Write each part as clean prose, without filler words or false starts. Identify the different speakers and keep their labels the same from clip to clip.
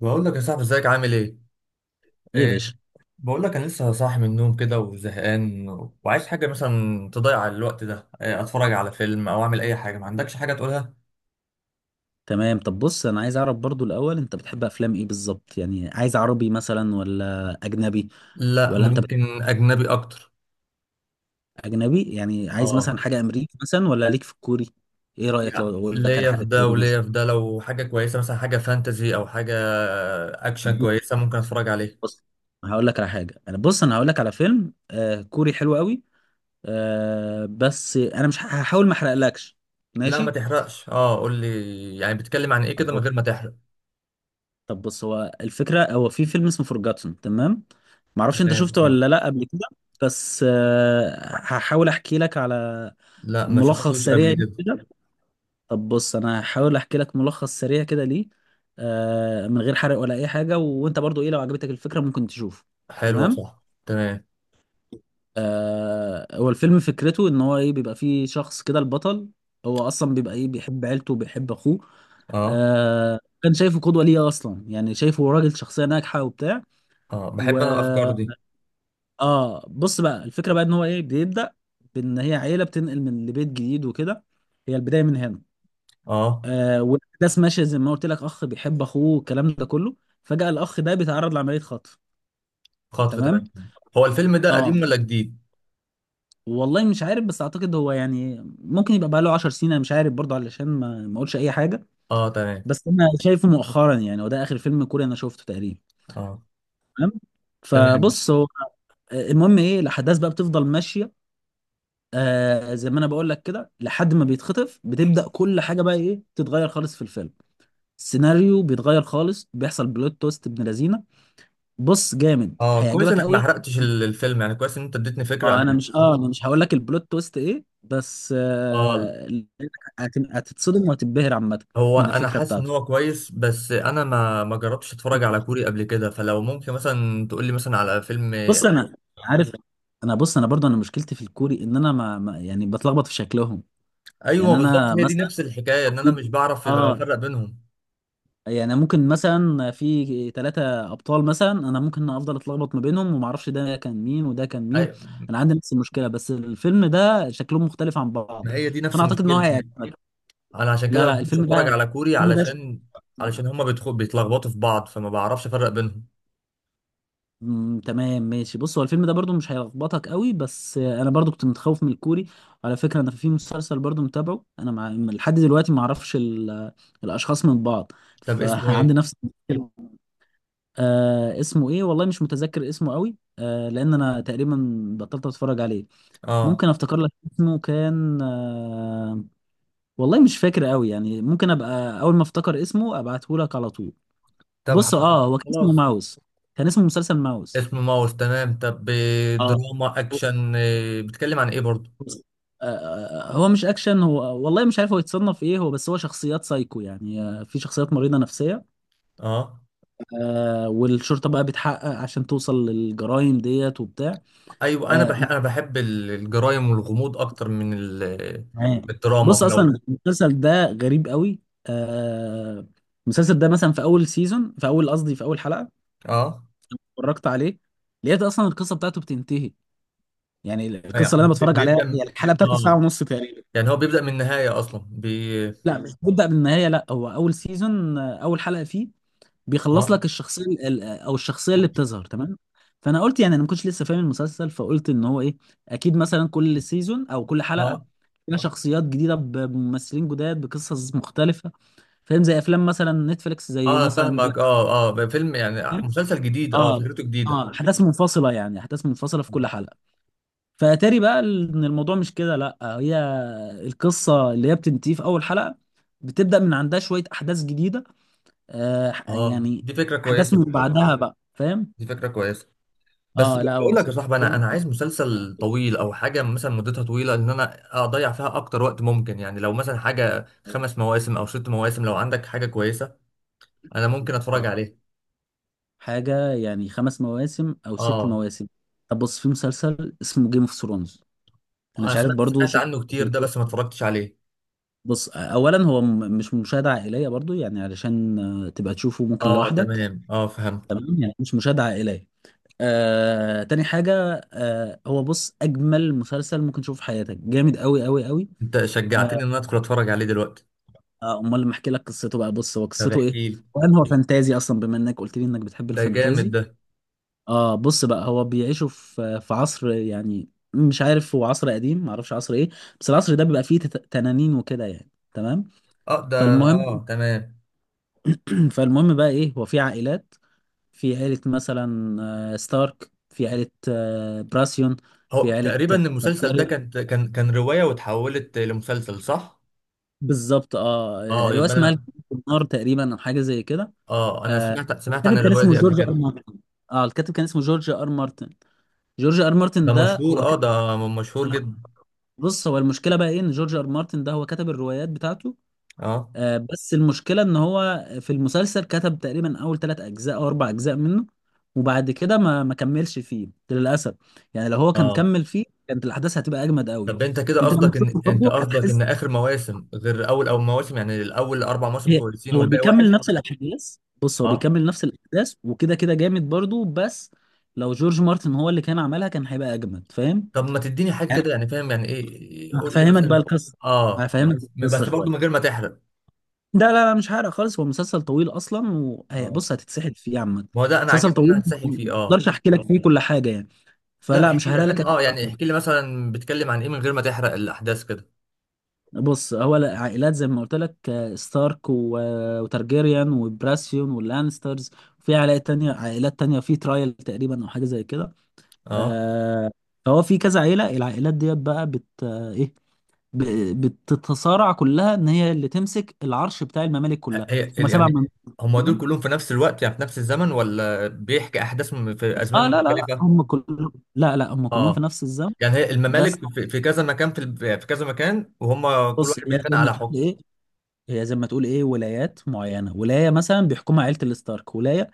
Speaker 1: بقول لك يا صاحبي ازيك عامل ايه؟
Speaker 2: ايه يا
Speaker 1: إيه.
Speaker 2: باشا.
Speaker 1: بقول لك انا لسه صاحي من النوم كده وزهقان، وعايز حاجه مثلا تضيع الوقت ده، إيه اتفرج على فيلم او اعمل اي حاجه، ما عندكش حاجه تقولها؟
Speaker 2: تمام، طب بص انا عايز اعرف برضو الاول انت بتحب افلام ايه بالظبط؟ يعني عايز عربي مثلا ولا اجنبي؟
Speaker 1: لا،
Speaker 2: ولا انت بت-
Speaker 1: ممكن اجنبي اكتر.
Speaker 2: اجنبي يعني عايز
Speaker 1: اه.
Speaker 2: مثلا حاجه امريكي مثلا ولا ليك في الكوري؟ ايه رايك لو
Speaker 1: يعني
Speaker 2: اقول لك على
Speaker 1: ليا في
Speaker 2: حاجه
Speaker 1: ده
Speaker 2: كوري مثلا؟
Speaker 1: وليا في ده، لو حاجه كويسه مثلا، حاجه فانتزي او حاجه
Speaker 2: يعني
Speaker 1: اكشن كويسه ممكن اتفرج عليه.
Speaker 2: بص، هقول لك على حاجه. انا هقول لك على فيلم كوري حلو قوي. بس انا مش هحاول ما احرقلكش.
Speaker 1: لا ما
Speaker 2: ماشي.
Speaker 1: تحرقش، اه قول لي يعني بتتكلم عن ايه كده من غير ما تحرق.
Speaker 2: طب بص هو الفكرة، هو في فيلم اسمه فورجاتون، تمام؟ معرفش انت
Speaker 1: تمام
Speaker 2: شفته
Speaker 1: اه.
Speaker 2: ولا لا قبل كده. بس هحاول احكي لك على
Speaker 1: لا ما
Speaker 2: ملخص
Speaker 1: شفتوش
Speaker 2: سريع
Speaker 1: قبل
Speaker 2: ليه
Speaker 1: كده.
Speaker 2: كده. طب بص انا هحاول احكي لك ملخص سريع كده ليه، من غير حرق ولا اي حاجة، وانت برضو ايه لو عجبتك الفكرة ممكن تشوفه.
Speaker 1: حلو يا
Speaker 2: تمام.
Speaker 1: صاحبي. تمام
Speaker 2: هو الفيلم فكرته ان هو ايه، بيبقى فيه شخص كده البطل، هو اصلا بيبقى ايه بيحب عيلته وبيحب اخوه.
Speaker 1: اه.
Speaker 2: كان شايفه قدوة ليه اصلا، يعني شايفه راجل شخصية ناجحة وبتاع.
Speaker 1: اه
Speaker 2: و
Speaker 1: بحب انا الافكار دي.
Speaker 2: اه بص بقى الفكره بقى ان هو ايه بيبدا، بان هي عيله بتنقل من لبيت جديد وكده، هي البدايه من هنا.
Speaker 1: اه،
Speaker 2: والاحداث ماشيه زي ما قلت لك، اخ بيحب اخوه الكلام ده كله، فجاه الاخ ده بيتعرض لعمليه خطف.
Speaker 1: خطف
Speaker 2: تمام.
Speaker 1: تمام. هو الفيلم ده
Speaker 2: اه،
Speaker 1: قديم ولا جديد؟
Speaker 2: والله مش عارف، بس اعتقد هو يعني ممكن يبقى بقى له 10 سنين، انا مش عارف برضه، علشان ما اقولش اي حاجه.
Speaker 1: اه تمام.
Speaker 2: بس انا شايفه مؤخرا يعني، وده اخر فيلم كوري انا شفته تقريبا.
Speaker 1: اه
Speaker 2: تمام.
Speaker 1: تمام.
Speaker 2: فبص هو، المهم ايه، الاحداث بقى بتفضل ماشيه، زي ما انا بقول لك كده، لحد ما بيتخطف بتبدأ كل حاجة بقى ايه تتغير خالص في الفيلم. السيناريو بيتغير خالص، بيحصل بلوت تويست ابن لذينه. بص جامد،
Speaker 1: اه كويس
Speaker 2: هيعجبك
Speaker 1: انك ما
Speaker 2: قوي.
Speaker 1: حرقتش الفيلم يعني، كويس ان انت اديتني فكره عن ال-
Speaker 2: انا مش هقول لك البلوت تويست ايه، بس
Speaker 1: اه.
Speaker 2: هتتصدم وهتتبهر عامة
Speaker 1: هو
Speaker 2: من
Speaker 1: انا
Speaker 2: الفكرة
Speaker 1: حاسس ان
Speaker 2: بتاعته.
Speaker 1: هو كويس، بس انا ما جربتش اتفرج على كوري قبل كده، فلو ممكن مثلا تقول لي مثلا على فيلم.
Speaker 2: بص انا عارف، انا برضو مشكلتي في الكوري ان انا يعني بتلخبط في شكلهم.
Speaker 1: ايوه
Speaker 2: يعني
Speaker 1: بالظبط،
Speaker 2: انا
Speaker 1: هي دي
Speaker 2: مثلا
Speaker 1: نفس الحكايه ان انا مش
Speaker 2: المفروض-
Speaker 1: بعرف
Speaker 2: اه،
Speaker 1: افرق بينهم.
Speaker 2: يعني ممكن مثلا في ثلاثة أبطال مثلا، أنا ممكن أفضل أتلخبط ما بينهم وما أعرفش ده كان مين وده كان مين.
Speaker 1: أي...
Speaker 2: أنا عندي نفس المشكلة، بس الفيلم ده شكلهم مختلف عن بعض،
Speaker 1: ما هي دي نفس
Speaker 2: فأنا أعتقد إن هو
Speaker 1: مشكلتي.
Speaker 2: هيعجبك.
Speaker 1: انا عشان كده
Speaker 2: لا
Speaker 1: ما
Speaker 2: لا،
Speaker 1: بحبش
Speaker 2: الفيلم ده
Speaker 1: اتفرج على كوري،
Speaker 2: الفيلم ده
Speaker 1: علشان هما بيدخل بيتلخبطوا في بعض فما بعرفش افرق بينهم.
Speaker 2: تمام ماشي. بص هو الفيلم ده برضو مش هيلخبطك قوي، بس أنا برضو كنت متخوف من الكوري. على فكرة أنا في مسلسل برضو متابعه أنا لحد دلوقتي ما أعرفش الأشخاص من بعض،
Speaker 1: طب اسمه
Speaker 2: فعندي
Speaker 1: ايه؟
Speaker 2: نفس المشكلة. اسمه ايه، والله مش متذكر اسمه قوي، لان انا تقريبا بطلت اتفرج عليه.
Speaker 1: اه.
Speaker 2: ممكن افتكر لك اسمه، كان والله مش فاكر قوي، يعني ممكن ابقى اول ما افتكر اسمه ابعته لك على طول.
Speaker 1: طب
Speaker 2: بص
Speaker 1: حركة
Speaker 2: اه، هو كان اسمه
Speaker 1: خلاص.
Speaker 2: ماوس، كان اسمه مسلسل ماوس.
Speaker 1: اسمه ماوس تمام، طب
Speaker 2: اه.
Speaker 1: دراما اكشن، بيتكلم عن ايه برضو؟
Speaker 2: بص، هو مش اكشن، هو والله مش عارف هو يتصنف ايه هو، بس هو شخصيات سايكو يعني، في شخصيات مريضة نفسية.
Speaker 1: اه.
Speaker 2: والشرطة بقى بتحقق عشان توصل للجرائم ديت وبتاع.
Speaker 1: ايوه انا
Speaker 2: آه،
Speaker 1: بحب، الجرايم والغموض اكتر من
Speaker 2: معايا.
Speaker 1: الدراما،
Speaker 2: بص
Speaker 1: فلو
Speaker 2: اصلا المسلسل ده غريب قوي. آه المسلسل ده مثلا، في اول سيزون، في اول قصدي في اول حلقه
Speaker 1: اه
Speaker 2: اتفرجت عليه، لقيت اصلا القصه بتاعته بتنتهي. يعني القصه اللي
Speaker 1: يعني
Speaker 2: انا
Speaker 1: ب-
Speaker 2: بتفرج عليها،
Speaker 1: بيبدا
Speaker 2: هي الحلقه بتاعته ساعه
Speaker 1: اه.
Speaker 2: ونص تقريبا.
Speaker 1: يعني هو بيبدا من النهايه اصلا
Speaker 2: لا مش بتبدا بالنهايه، لا هو اول سيزون، اول حلقه فيه بيخلص
Speaker 1: اه
Speaker 2: لك الشخصيه او الشخصيه اللي بتظهر، تمام. فانا قلت يعني انا ما كنتش لسه فاهم المسلسل، فقلت ان هو ايه اكيد مثلا كل سيزون او كل حلقه
Speaker 1: اه
Speaker 2: فيها شخصيات جديده، بممثلين جداد بقصص مختلفه، فاهم؟ زي افلام مثلا نتفليكس زي
Speaker 1: اه. أنا
Speaker 2: مثلا بلاك
Speaker 1: فاهمك، اه اه، بقى فيلم يعني
Speaker 2: مير.
Speaker 1: مسلسل جديد، اه
Speaker 2: اه
Speaker 1: فكرته جديده.
Speaker 2: اه، احداث منفصله، يعني احداث منفصله في كل
Speaker 1: اه.
Speaker 2: حلقه. فاتاري بقى ان الموضوع مش كده، لا هي القصه اللي هي بتنتهي في اول حلقه بتبدا من عندها شويه احداث جديده. يعني
Speaker 1: دي فكره
Speaker 2: احداث
Speaker 1: كويسه.
Speaker 2: من بعدها بقى، فاهم؟
Speaker 1: دي فكره كويسه. بس
Speaker 2: اه لا، هو
Speaker 1: بقول لك يا
Speaker 2: مسلسل
Speaker 1: صاحبي، انا
Speaker 2: جامد.
Speaker 1: عايز مسلسل طويل او حاجه مثلا مدتها طويله ان انا اضيع فيها اكتر وقت ممكن، يعني لو مثلا حاجه 5 مواسم او 6 مواسم، لو عندك حاجه كويسه انا ممكن اتفرج
Speaker 2: طب،
Speaker 1: عليه.
Speaker 2: حاجه يعني خمس مواسم او ست
Speaker 1: اه
Speaker 2: مواسم. طب بص في مسلسل اسمه جيم اوف ثرونز، انا
Speaker 1: انا
Speaker 2: مش عارف برضو
Speaker 1: سمعت
Speaker 2: شفت.
Speaker 1: عنه كتير ده، بس ما اتفرجتش عليه.
Speaker 2: بص اولا هو مش مشاهده عائليه برضو، يعني علشان تبقى تشوفه ممكن
Speaker 1: اه
Speaker 2: لوحدك.
Speaker 1: تمام، اه فهمت.
Speaker 2: تمام، يعني مش مشاهده عائليه. تاني حاجه هو بص اجمل مسلسل ممكن تشوفه في حياتك، جامد قوي قوي قوي.
Speaker 1: انت
Speaker 2: آه،
Speaker 1: شجعتني ان انا ادخل اتفرج عليه دلوقتي.
Speaker 2: امال لما احكي لك قصته بقى، بص هو
Speaker 1: طب
Speaker 2: قصته ايه،
Speaker 1: احكي لي.
Speaker 2: وان هو فانتازي اصلا بما انك قلت لي انك بتحب
Speaker 1: ده جامد
Speaker 2: الفانتازي.
Speaker 1: ده.
Speaker 2: اه بص بقى، هو بيعيشوا في عصر يعني، مش عارف، هو عصر قديم معرفش عصر ايه، بس العصر ده بيبقى فيه تنانين وكده يعني، تمام.
Speaker 1: اه ده. اه
Speaker 2: فالمهم
Speaker 1: تمام.
Speaker 2: فالمهم بقى ايه، هو في عائلات، في عيلة مثلا ستارك، في عيلة براسيون،
Speaker 1: هو
Speaker 2: في عيلة
Speaker 1: تقريبا المسلسل ده
Speaker 2: تارجاريان،
Speaker 1: كان روايه واتحولت لمسلسل صح؟
Speaker 2: بالظبط اه.
Speaker 1: اه
Speaker 2: رواية
Speaker 1: يبقى
Speaker 2: اسمها
Speaker 1: انا.
Speaker 2: الكتاب في النار تقريبا او حاجة زي كده.
Speaker 1: اه انا
Speaker 2: آه،
Speaker 1: سمعت عن
Speaker 2: الكاتب كان
Speaker 1: الروايه
Speaker 2: اسمه
Speaker 1: دي قبل
Speaker 2: جورج ار
Speaker 1: كده.
Speaker 2: مارتن، اه الكاتب كان اسمه جورج ار مارتن. جورج ار
Speaker 1: ده
Speaker 2: مارتن ده
Speaker 1: مشهور،
Speaker 2: هو
Speaker 1: اه
Speaker 2: كتب.
Speaker 1: ده مشهور
Speaker 2: انا،
Speaker 1: جدا.
Speaker 2: بص هو المشكلة بقى ايه ان جورج ار مارتن ده هو كتب الروايات بتاعته،
Speaker 1: اه
Speaker 2: بس المشكلة ان هو في المسلسل كتب تقريبا اول ثلاث اجزاء او اربع اجزاء منه، وبعد كده ما كملش فيه للاسف. يعني لو هو كان
Speaker 1: اه.
Speaker 2: كمل فيه كانت الاحداث هتبقى اجمد قوي.
Speaker 1: طب انت كده
Speaker 2: انت لما
Speaker 1: قصدك، ان
Speaker 2: تشوفه
Speaker 1: انت
Speaker 2: برضه
Speaker 1: قصدك ان
Speaker 2: هتحس.
Speaker 1: اخر مواسم غير اول او مواسم، يعني الاول 4 مواسم
Speaker 2: هي-
Speaker 1: كويسين
Speaker 2: هو
Speaker 1: والباقي
Speaker 2: بيكمل
Speaker 1: وحش؟
Speaker 2: نفس الاحداث، بص هو
Speaker 1: اه.
Speaker 2: بيكمل نفس الاحداث وكده كده جامد برضه، بس لو جورج مارتن هو اللي كان عملها كان هيبقى اجمد، فاهم؟
Speaker 1: طب ما تديني حاجه
Speaker 2: يعني
Speaker 1: كده يعني فاهم، يعني ايه قول لي
Speaker 2: هفهمك بقى
Speaker 1: مثلا.
Speaker 2: القصة،
Speaker 1: اه يعني
Speaker 2: هفهمك القصة
Speaker 1: بس برضه
Speaker 2: شوية،
Speaker 1: من غير ما تحرق.
Speaker 2: ده لا لا مش حرق خالص، هو مسلسل طويل اصلا
Speaker 1: اه.
Speaker 2: وبص هتتسحل فيه عامة.
Speaker 1: ما هو ده انا
Speaker 2: مسلسل
Speaker 1: عاجبني، ان انا
Speaker 2: طويل، ما
Speaker 1: هتسحل فيه اه.
Speaker 2: اقدرش احكي لك فيه كل حاجة يعني،
Speaker 1: لا
Speaker 2: فلا مش
Speaker 1: احكي
Speaker 2: هحرق لك
Speaker 1: فاهم،
Speaker 2: أي
Speaker 1: اه يعني
Speaker 2: حاجة.
Speaker 1: احكي لي مثلا بتكلم عن ايه من غير ما تحرق الاحداث كده.
Speaker 2: بص هو العائلات زي ما قلت لك ستارك وتارجيريان وبراسيون واللانسترز، في عائلات تانية، عائلات تانية في ترايل تقريبا او حاجة زي كده،
Speaker 1: اه،
Speaker 2: آه، فهو في كذا عيلة. العائلات ديت بقى بت آه، ايه ب- بتتصارع كلها ان هي اللي تمسك العرش بتاع الممالك كلها،
Speaker 1: هي
Speaker 2: هم سبع
Speaker 1: يعني هم دول
Speaker 2: ممالك.
Speaker 1: كلهم في نفس الوقت، يعني في نفس الزمن، ولا بيحكي احداث في
Speaker 2: اه
Speaker 1: ازمان
Speaker 2: لا لا لا،
Speaker 1: مختلفه؟
Speaker 2: هم كلهم، لا لا، هم كلهم في
Speaker 1: اه.
Speaker 2: نفس الزمن.
Speaker 1: يعني هي
Speaker 2: بس
Speaker 1: الممالك في كذا مكان، في كذا مكان، وهم كل
Speaker 2: بص،
Speaker 1: واحد
Speaker 2: هي
Speaker 1: بيتخانق
Speaker 2: زي ما
Speaker 1: على
Speaker 2: تقول
Speaker 1: حكم.
Speaker 2: ايه، هي زي ما تقول ايه، ولايات معينه، ولايه مثلا بيحكمها عيله الستارك، ولايه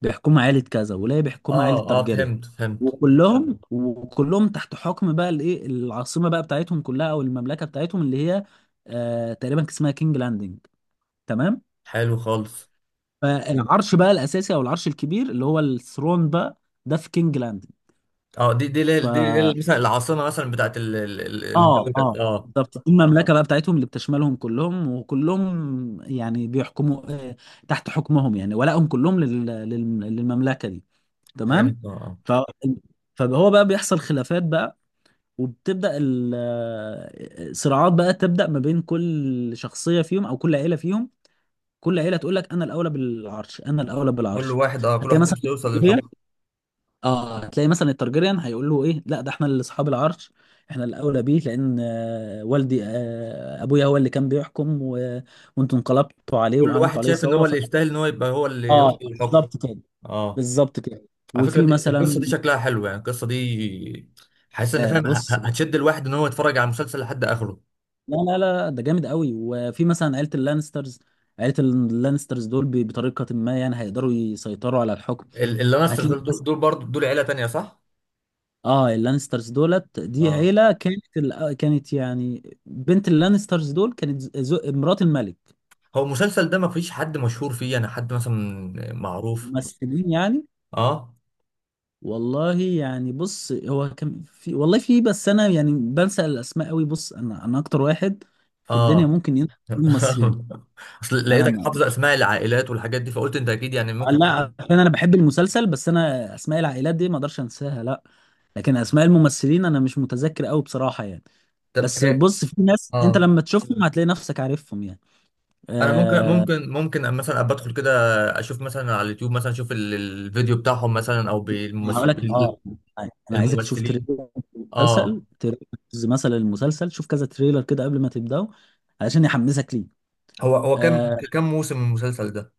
Speaker 2: بيحكمها عيله كذا، ولايه بيحكمها عيله
Speaker 1: اه اه،
Speaker 2: تارجيريان،
Speaker 1: فهمت فهمت.
Speaker 2: وكلهم تحت حكم بقى الايه العاصمه بقى بتاعتهم كلها، او المملكه بتاعتهم اللي هي آه تقريبا كان اسمها كينج لاندنج، تمام.
Speaker 1: حلو خالص.
Speaker 2: فالعرش بقى الاساسي او العرش الكبير اللي هو الثرون بقى، ده في كينج لاندنج.
Speaker 1: اه
Speaker 2: ف
Speaker 1: دي اللي هي مثلا العاصمة، مثلا بتاعت ال- ال- ال-
Speaker 2: اه
Speaker 1: الدولة
Speaker 2: اه
Speaker 1: اه
Speaker 2: بالظبط، دي المملكه بقى بتاعتهم اللي بتشملهم كلهم، وكلهم يعني بيحكموا تحت حكمهم يعني، ولائهم كلهم للمملكه دي، تمام.
Speaker 1: فهمت، اه آه.
Speaker 2: ف... فهو بقى بيحصل خلافات بقى، وبتبدا صراعات بقى، تبدا ما بين كل شخصيه فيهم او كل عيله فيهم. كل عيله تقول لك انا الاولى بالعرش انا الاولى بالعرش.
Speaker 1: كل
Speaker 2: هتلاقي
Speaker 1: واحد
Speaker 2: مثلا
Speaker 1: نفسه يوصل للحكم.
Speaker 2: اه، تلاقي مثلا الترجريان هيقول له ايه لا ده احنا اللي اصحاب العرش، احنا الاولى بيه، لان والدي ابويا هو اللي كان بيحكم وانتوا انقلبتوا عليه
Speaker 1: كل واحد
Speaker 2: وعملتوا عليه
Speaker 1: شايف ان
Speaker 2: ثوره،
Speaker 1: هو اللي يستاهل ان هو يبقى هو اللي يوصل
Speaker 2: اه
Speaker 1: للحكم.
Speaker 2: بالظبط كده
Speaker 1: اه.
Speaker 2: بالظبط كده.
Speaker 1: على فكرة
Speaker 2: وفي
Speaker 1: دي
Speaker 2: مثلا
Speaker 1: القصة، دي شكلها حلو يعني، القصة دي حاسس ان فاهم
Speaker 2: بص،
Speaker 1: هتشد الواحد ان هو يتفرج على المسلسل لحد اخره.
Speaker 2: لا لا لا ده جامد قوي. وفي مثلا عيله اللانسترز، عيله اللانسترز دول بطريقه ما يعني هيقدروا يسيطروا على الحكم.
Speaker 1: اللانستر
Speaker 2: هتلاقي
Speaker 1: دول، دول برضه دول عيلة تانية صح؟
Speaker 2: اه اللانسترز دولت دي
Speaker 1: اه.
Speaker 2: عيلة كانت كانت يعني بنت اللانسترز دول كانت مرات الملك.
Speaker 1: هو المسلسل ده ما فيش حد مشهور فيه، يعني حد مثلا معروف.
Speaker 2: ممثلين يعني،
Speaker 1: اه
Speaker 2: والله يعني بص هو كان في والله في، بس انا يعني بنسى الاسماء قوي، بص انا اكتر واحد في الدنيا
Speaker 1: اه
Speaker 2: ممكن ينسى الممثلين.
Speaker 1: اصل
Speaker 2: انا
Speaker 1: لقيتك
Speaker 2: ما...
Speaker 1: حافظ اسماء العائلات والحاجات دي، فقلت انت اكيد يعني ممكن تكون.
Speaker 2: لا عشان انا بحب المسلسل، بس انا اسماء العائلات دي ما اقدرش انساها لا، لكن اسماء الممثلين انا مش متذكر قوي بصراحة يعني.
Speaker 1: طب
Speaker 2: بس
Speaker 1: ايه.
Speaker 2: بص في ناس انت
Speaker 1: اه
Speaker 2: لما تشوفهم هتلاقي نفسك عارفهم يعني.
Speaker 1: انا
Speaker 2: آه،
Speaker 1: ممكن مثلا ابقى ادخل كده، اشوف مثلا على اليوتيوب مثلا، اشوف الفيديو بتاعهم مثلا او
Speaker 2: أنا هقول لك اه،
Speaker 1: بالممثلين.
Speaker 2: انا عايزك تشوف
Speaker 1: الممثلين
Speaker 2: تريلر المسلسل،
Speaker 1: اه.
Speaker 2: تريلرز مثلا المسلسل، شوف كذا تريلر كده قبل ما تبداه علشان يحمسك ليه.
Speaker 1: هو كم
Speaker 2: آه
Speaker 1: موسم من المسلسل ده؟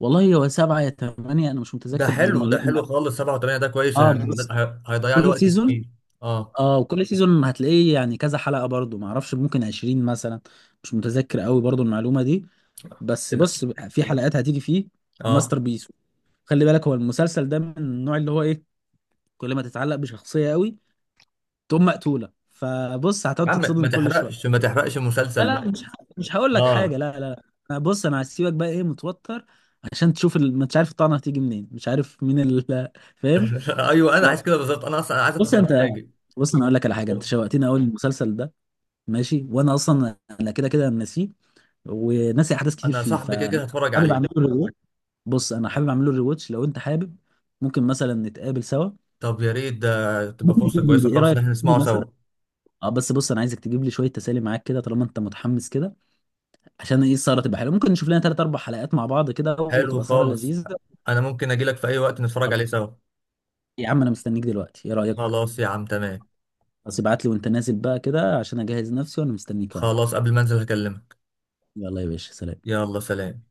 Speaker 2: والله هو سبعة يا ثمانية، انا مش متذكر دي
Speaker 1: ده حلو
Speaker 2: المعلومة.
Speaker 1: خالص، 7 و8 ده كويس
Speaker 2: اه
Speaker 1: يعني،
Speaker 2: بس،
Speaker 1: هيضيع لي
Speaker 2: كل
Speaker 1: وقت
Speaker 2: سيزون،
Speaker 1: كتير. اه
Speaker 2: اه وكل سيزون هتلاقيه يعني كذا حلقة برضو، ما اعرفش ممكن 20 مثلا، مش متذكر قوي برضو المعلومة دي، بس
Speaker 1: كده
Speaker 2: بص في حلقات هتيجي فيه
Speaker 1: اه.
Speaker 2: ماستر بيس. خلي بالك هو المسلسل ده من النوع اللي هو ايه كل ما تتعلق بشخصية قوي تقوم مقتولة، فبص
Speaker 1: يا
Speaker 2: هتقعد
Speaker 1: عم ما
Speaker 2: تتصدم كل
Speaker 1: تحرقش،
Speaker 2: شوية. لا
Speaker 1: مسلسل
Speaker 2: لا
Speaker 1: بقى.
Speaker 2: مش هقول لك حاجه
Speaker 1: اه
Speaker 2: لا لا. أنا، بص انا هسيبك بقى ايه متوتر عشان تشوف مش عارف الطعنه هتيجي منين، مش عارف مين فاهم؟
Speaker 1: ايوه انا عايز كده بالظبط، انا اصلا عايز
Speaker 2: بص
Speaker 1: ادخل
Speaker 2: انت،
Speaker 1: اتفاجئ.
Speaker 2: بص انا اقول لك على حاجه، انت شوقتني اول المسلسل ده ماشي، وانا اصلا انا كده كده ناسيه وناسي احداث كتير
Speaker 1: انا
Speaker 2: فيه،
Speaker 1: صاحبي كده
Speaker 2: فانا
Speaker 1: كده هتفرج
Speaker 2: حابب
Speaker 1: عليه.
Speaker 2: اعمله ريواتش. بص انا حابب اعمله ريواتش، لو انت حابب ممكن مثلا نتقابل سوا.
Speaker 1: طب يا ريت، ده تبقى
Speaker 2: ممكن
Speaker 1: فرصه
Speaker 2: تجيلي،
Speaker 1: كويسه
Speaker 2: ايه
Speaker 1: خالص ان
Speaker 2: رايك
Speaker 1: احنا نسمعه
Speaker 2: تجيلي مثلا،
Speaker 1: سوا.
Speaker 2: اه بس بص انا عايزك تجيب لي شويه تسالي معاك كده، طالما انت متحمس كده، عشان ايه السهره تبقى حلوه، ممكن نشوف لنا ثلاث اربع حلقات مع بعض كده
Speaker 1: حلو
Speaker 2: وتبقى سهره
Speaker 1: خالص.
Speaker 2: لذيذه.
Speaker 1: انا ممكن اجي لك في اي وقت نتفرج
Speaker 2: طب
Speaker 1: عليه سوا.
Speaker 2: يا عم، انا مستنيك دلوقتي، ايه رايك؟
Speaker 1: خلاص يا عم تمام.
Speaker 2: بس ابعت لي وانت نازل بقى كده عشان اجهز نفسي، وانا مستنيك اهو.
Speaker 1: خلاص قبل ما انزل هكلمك.
Speaker 2: يلا يا باشا، سلام.
Speaker 1: يلا سلام.